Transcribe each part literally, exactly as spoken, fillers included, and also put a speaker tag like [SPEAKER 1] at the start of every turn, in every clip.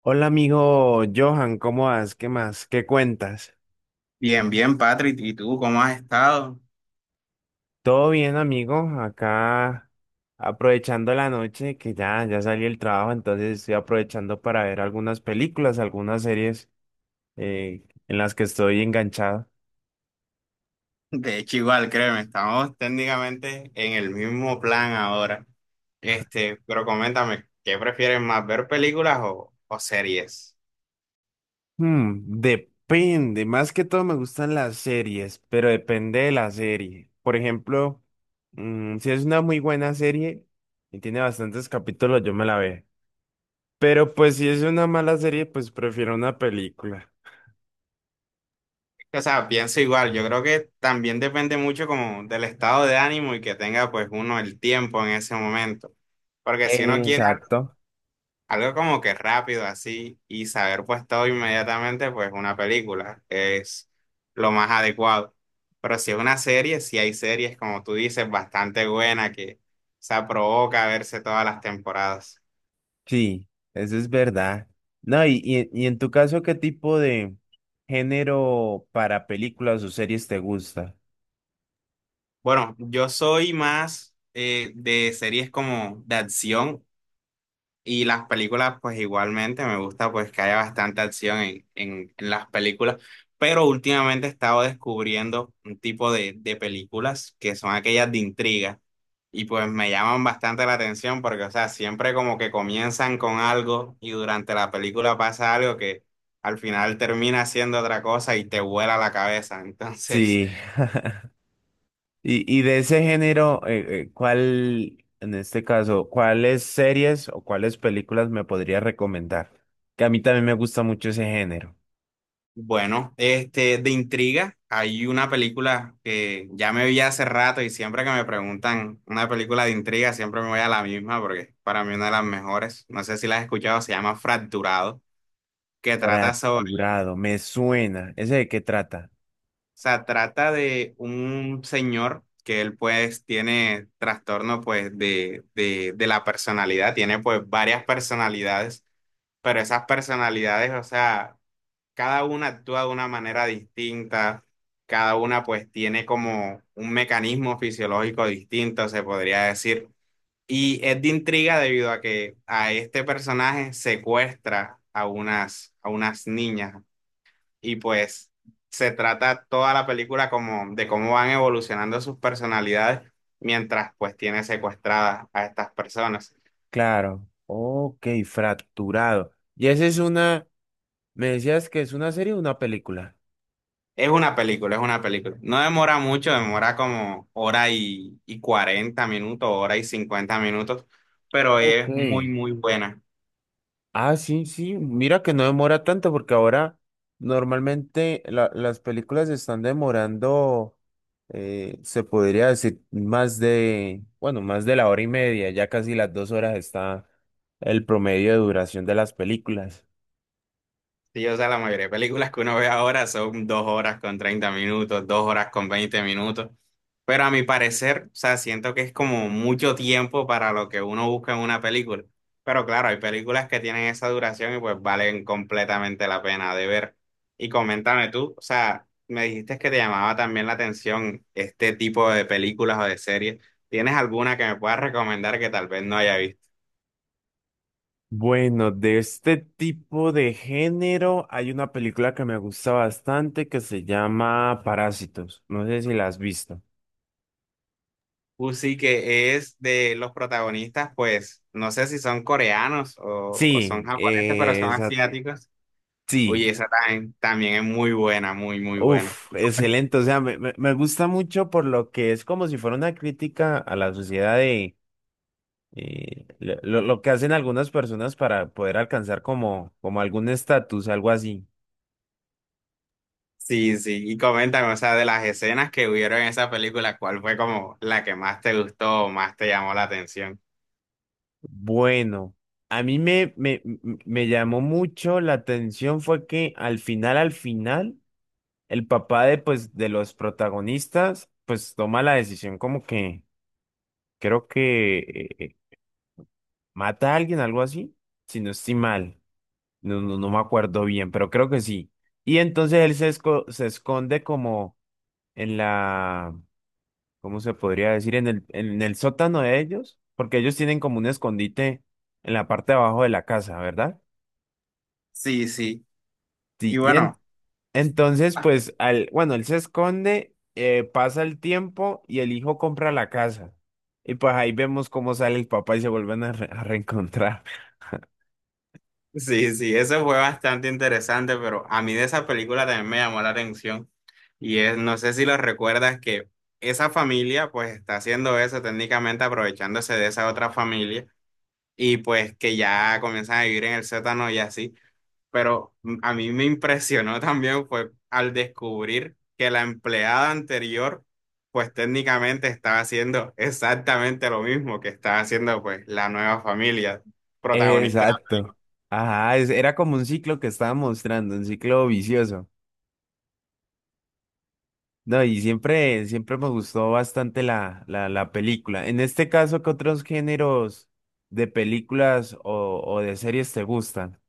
[SPEAKER 1] Hola amigo Johan, ¿cómo vas? ¿Qué más? ¿Qué cuentas?
[SPEAKER 2] Bien, bien, Patrick. ¿Y tú cómo has estado?
[SPEAKER 1] Todo bien amigo, acá aprovechando la noche que ya, ya salí del trabajo, entonces estoy aprovechando para ver algunas películas, algunas series eh, en las que estoy enganchado.
[SPEAKER 2] De hecho, igual, créeme, estamos técnicamente en el mismo plan ahora. Este, pero coméntame, ¿qué prefieres más, ver películas o, o series?
[SPEAKER 1] Hmm, depende, más que todo me gustan las series, pero depende de la serie. Por ejemplo, mm, si es una muy buena serie y tiene bastantes capítulos, yo me la veo. Pero pues si es una mala serie, pues prefiero una película.
[SPEAKER 2] O sea, pienso igual, yo creo que también depende mucho como del estado de ánimo y que tenga pues uno el tiempo en ese momento. Porque si uno quiere
[SPEAKER 1] Exacto,
[SPEAKER 2] algo como que rápido así y saber pues todo inmediatamente pues una película es lo más adecuado. Pero si es una serie, si hay series como tú dices bastante buena que se provoca verse todas las temporadas.
[SPEAKER 1] sí, eso es verdad. No, y, y, y en tu caso, ¿qué tipo de género para películas o series te gusta?
[SPEAKER 2] Bueno, yo soy más eh, de series como de acción y las películas pues igualmente me gusta pues que haya bastante acción en, en, en las películas. Pero últimamente he estado descubriendo un tipo de, de películas que son aquellas de intriga. Y pues me llaman bastante la atención porque, o sea, siempre como que comienzan con algo y durante la película pasa algo que al final termina siendo otra cosa y te vuela la cabeza. Entonces,
[SPEAKER 1] Sí, y, y de ese género, eh, eh, ¿cuál, en este caso, cuáles series o cuáles películas me podrías recomendar? Que a mí también me gusta mucho ese género.
[SPEAKER 2] bueno, este, de intriga, hay una película que ya me vi hace rato y siempre que me preguntan una película de intriga, siempre me voy a la misma porque es para mí una de las mejores. No sé si la has escuchado, se llama Fracturado, que trata sobre,
[SPEAKER 1] Fracturado, me suena. ¿Ese de qué trata?
[SPEAKER 2] sea, trata de un señor que él pues tiene trastorno pues de, de, de la personalidad, tiene pues varias personalidades, pero esas personalidades, o sea, cada una actúa de una manera distinta, cada una pues tiene como un mecanismo fisiológico distinto, se podría decir. Y es de intriga debido a que a este personaje secuestra a unas, a unas niñas y pues se trata toda la película como de cómo van evolucionando sus personalidades mientras pues tiene secuestradas a estas personas.
[SPEAKER 1] Claro. Ok, fracturado. ¿Y esa es una, me decías que es una serie o una película?
[SPEAKER 2] Es una película, es una película. No demora mucho, demora como hora y, y cuarenta minutos, hora y cincuenta minutos, pero
[SPEAKER 1] Ok.
[SPEAKER 2] es muy, muy buena.
[SPEAKER 1] Ah, sí, sí. Mira que no demora tanto porque ahora normalmente la- las películas están demorando, eh, se podría decir, más de, bueno, más de la hora y media, ya casi las dos horas está el promedio de duración de las películas.
[SPEAKER 2] Sí, o sea, la mayoría de películas que uno ve ahora son dos horas con treinta minutos, dos horas con veinte minutos. Pero a mi parecer, o sea, siento que es como mucho tiempo para lo que uno busca en una película. Pero claro, hay películas que tienen esa duración y pues valen completamente la pena de ver. Y coméntame tú, o sea, me dijiste que te llamaba también la atención este tipo de películas o de series. ¿Tienes alguna que me puedas recomendar que tal vez no haya visto?
[SPEAKER 1] Bueno, de este tipo de género hay una película que me gusta bastante que se llama Parásitos. No sé si la has visto.
[SPEAKER 2] Uh, sí, que es de los protagonistas, pues, no sé si son coreanos o, o son
[SPEAKER 1] Sí,
[SPEAKER 2] japoneses, pero
[SPEAKER 1] eh,
[SPEAKER 2] son
[SPEAKER 1] esa,
[SPEAKER 2] asiáticos. Uy,
[SPEAKER 1] sí.
[SPEAKER 2] esa también, también es muy buena, muy, muy buena.
[SPEAKER 1] Uf, excelente. O sea, me, me- me gusta mucho por lo que es como si fuera una crítica a la sociedad de eh, lo, lo- lo que hacen algunas personas para poder alcanzar como, como algún estatus, algo así.
[SPEAKER 2] Sí, sí, y coméntame, o sea, de las escenas que hubieron en esa película, ¿cuál fue como la que más te gustó o más te llamó la atención?
[SPEAKER 1] Bueno, a mí me, me, me me llamó mucho la atención fue que al final, al final, el papá de, pues, de los protagonistas, pues toma la decisión como que creo que eh, eh, mata a alguien, algo así, si no estoy mal. No, no, no me acuerdo bien, pero creo que sí. Y entonces él se, esco- se esconde como en la, ¿cómo se podría decir? En el, en el sótano de ellos, porque ellos tienen como un escondite en la parte de abajo de la casa, ¿verdad?
[SPEAKER 2] Sí, sí,
[SPEAKER 1] Sí,
[SPEAKER 2] y
[SPEAKER 1] y en-
[SPEAKER 2] bueno.
[SPEAKER 1] entonces pues, al, bueno, él se esconde, eh, pasa el tiempo y el hijo compra la casa. Y pues ahí vemos cómo sale el papá y se vuelven a, re- a reencontrar.
[SPEAKER 2] Sí, sí, eso fue bastante interesante, pero a mí de esa película también me llamó la atención. Y es, no sé si lo recuerdas que esa familia pues está haciendo eso técnicamente aprovechándose de esa otra familia y pues que ya comienzan a vivir en el sótano y así. Pero mm, a mí me impresionó también fue al descubrir que la empleada anterior pues técnicamente estaba haciendo exactamente lo mismo que estaba haciendo pues la nueva familia protagonista.
[SPEAKER 1] Exacto. Ajá, es- era como un ciclo que estaba mostrando, un ciclo vicioso. No, y siempre, siempre me gustó bastante la, la, la película. En este caso, ¿qué otros géneros de películas o, o de series te gustan?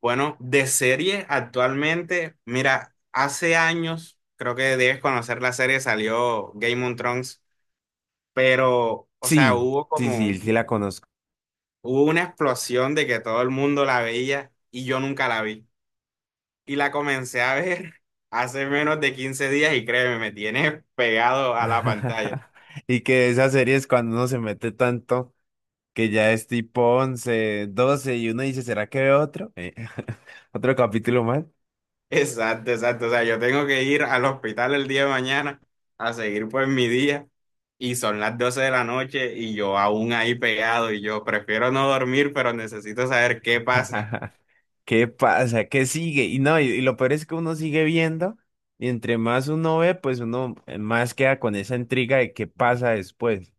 [SPEAKER 2] Bueno, de serie actualmente, mira, hace años, creo que debes conocer la serie, salió Game of Thrones, pero, o sea,
[SPEAKER 1] Sí,
[SPEAKER 2] hubo
[SPEAKER 1] sí, sí,
[SPEAKER 2] como,
[SPEAKER 1] sí la conozco.
[SPEAKER 2] hubo una explosión de que todo el mundo la veía y yo nunca la vi. Y la comencé a ver hace menos de quince días y créeme, me tiene pegado a la pantalla.
[SPEAKER 1] Y que esas series cuando uno se mete tanto que ya es tipo once, doce y uno dice, ¿será que veo otro? Eh, otro capítulo más.
[SPEAKER 2] Exacto, exacto. O sea, yo tengo que ir al hospital el día de mañana a seguir pues mi día y son las doce de la noche y yo aún ahí pegado y yo prefiero no dormir, pero necesito saber qué pasa.
[SPEAKER 1] ¿Qué pasa? ¿Qué sigue? Y no, y, y lo peor es que uno sigue viendo y entre más uno ve, pues uno eh, más queda con esa intriga de qué pasa después.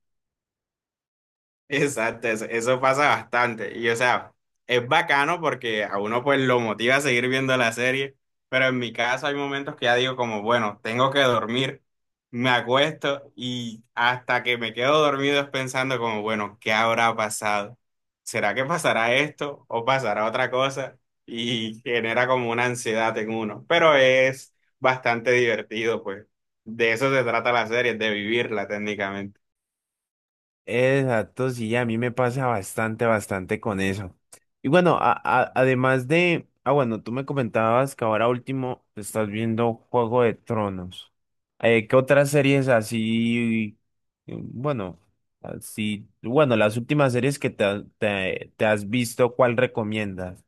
[SPEAKER 2] Exacto, eso, eso pasa bastante. Y o sea, es bacano porque a uno pues lo motiva a seguir viendo la serie, pero en mi caso hay momentos que ya digo como, bueno, tengo que dormir, me acuesto y hasta que me quedo dormido es pensando como, bueno, ¿qué habrá pasado? ¿Será que pasará esto o pasará otra cosa? Y genera como una ansiedad en uno, pero es bastante divertido, pues. De eso se trata la serie, de vivirla técnicamente.
[SPEAKER 1] Exacto, sí, a mí me pasa bastante, bastante con eso. Y bueno, a- a- además de, ah, bueno, tú me comentabas que ahora último estás viendo Juego de Tronos. Eh, ¿qué otras series así, eh, bueno, así, bueno, las últimas series que te, ha- te te has visto, ¿cuál recomiendas?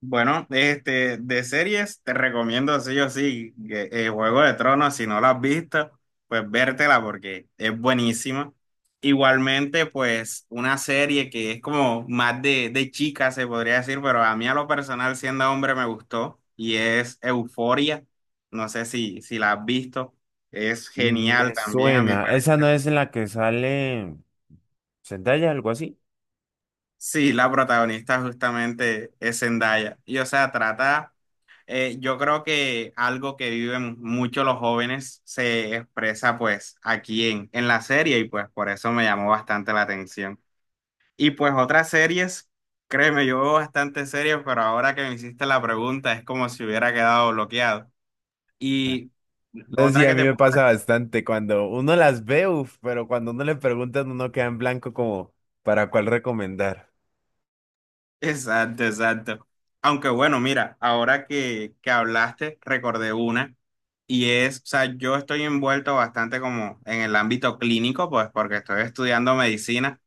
[SPEAKER 2] Bueno, este, de series te recomiendo sí o sí que, eh, Juego de Tronos, si no la has visto, pues vértela porque es buenísima. Igualmente, pues una serie que es como más de, de chica, se podría decir, pero a mí a lo personal, siendo hombre, me gustó y es Euforia. No sé si, si la has visto, es genial
[SPEAKER 1] Me
[SPEAKER 2] también a mi
[SPEAKER 1] suena. ¿Esa
[SPEAKER 2] parecer.
[SPEAKER 1] no es en la que sale Zendaya, algo así?
[SPEAKER 2] Sí, la protagonista justamente es Zendaya y o sea, trata, eh, yo creo que algo que viven mucho los jóvenes se expresa pues aquí en, en la serie y pues por eso me llamó bastante la atención. Y pues otras series, créeme, yo veo bastante series, pero ahora que me hiciste la pregunta es como si hubiera quedado bloqueado. Y
[SPEAKER 1] No, sí,
[SPEAKER 2] otra
[SPEAKER 1] a
[SPEAKER 2] que
[SPEAKER 1] mí
[SPEAKER 2] te
[SPEAKER 1] me
[SPEAKER 2] puedo...
[SPEAKER 1] pasa bastante cuando uno las ve, uf, pero cuando uno le preguntan, uno queda en blanco como para cuál recomendar.
[SPEAKER 2] Exacto, exacto. Aunque bueno, mira, ahora que, que hablaste, recordé una. Y es, o sea, yo estoy envuelto bastante como en el ámbito clínico, pues porque estoy estudiando medicina.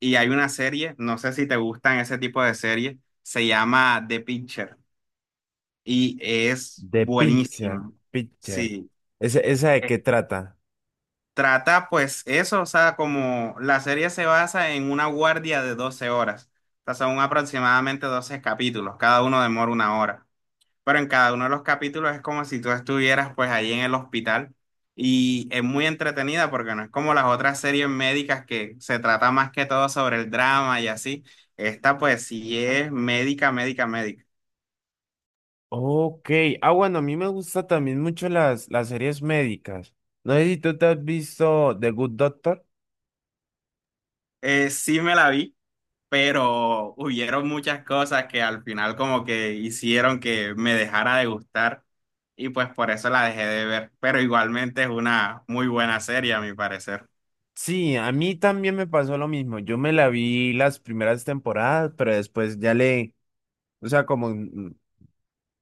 [SPEAKER 2] Y hay una serie, no sé si te gustan ese tipo de series, se llama The Pitcher y es
[SPEAKER 1] The Pincher.
[SPEAKER 2] buenísima.
[SPEAKER 1] Pincher.
[SPEAKER 2] Sí.
[SPEAKER 1] ¿Esa, esa de
[SPEAKER 2] Eh,
[SPEAKER 1] qué trata?
[SPEAKER 2] trata pues eso, o sea, como la serie se basa en una guardia de doce horas, o sea, son aproximadamente doce capítulos, cada uno demora una hora, pero en cada uno de los capítulos es como si tú estuvieras pues ahí en el hospital y es muy entretenida porque no es como las otras series médicas que se trata más que todo sobre el drama y así. Esta pues sí es médica, médica, médica.
[SPEAKER 1] Ok. Ah, bueno, a mí me gusta también mucho las, las series médicas. No sé si tú te has visto The Good Doctor.
[SPEAKER 2] Eh, sí me la vi, pero hubieron muchas cosas que al final como que hicieron que me dejara de gustar y pues por eso la dejé de ver, pero igualmente es una muy buena serie a mi parecer.
[SPEAKER 1] Sí, a mí también me pasó lo mismo. Yo me la vi las primeras temporadas, pero después ya le o sea, como, mm,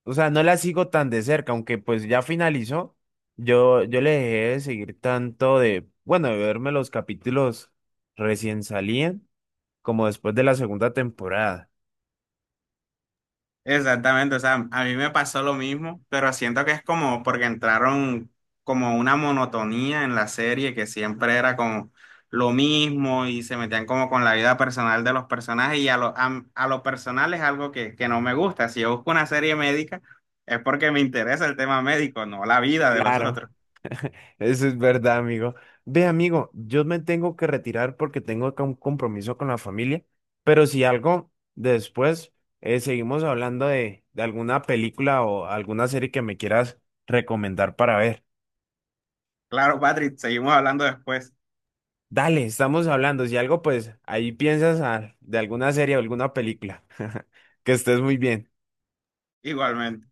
[SPEAKER 1] o sea, no la sigo tan de cerca, aunque pues ya finalizó. Yo, yo le dejé de seguir tanto de, bueno, de verme los capítulos recién salían, como después de la segunda temporada.
[SPEAKER 2] Exactamente, o sea, a mí me pasó lo mismo, pero siento que es como porque entraron como una monotonía en la serie que siempre era como lo mismo y se metían como con la vida personal de los personajes y a lo, a, a lo personal es algo que, que no me gusta. Si yo busco una serie médica es porque me interesa el tema médico, no la vida de los
[SPEAKER 1] Claro,
[SPEAKER 2] otros.
[SPEAKER 1] eso es verdad, amigo. Ve, amigo, yo me tengo que retirar porque tengo acá un compromiso con la familia, pero si algo, después eh, seguimos hablando de, de alguna película o alguna serie que me quieras recomendar para ver.
[SPEAKER 2] Claro, Patrick, seguimos hablando después,
[SPEAKER 1] Dale, estamos hablando. Si algo, pues ahí piensas ah, de alguna serie o alguna película. Que estés muy bien.
[SPEAKER 2] igualmente.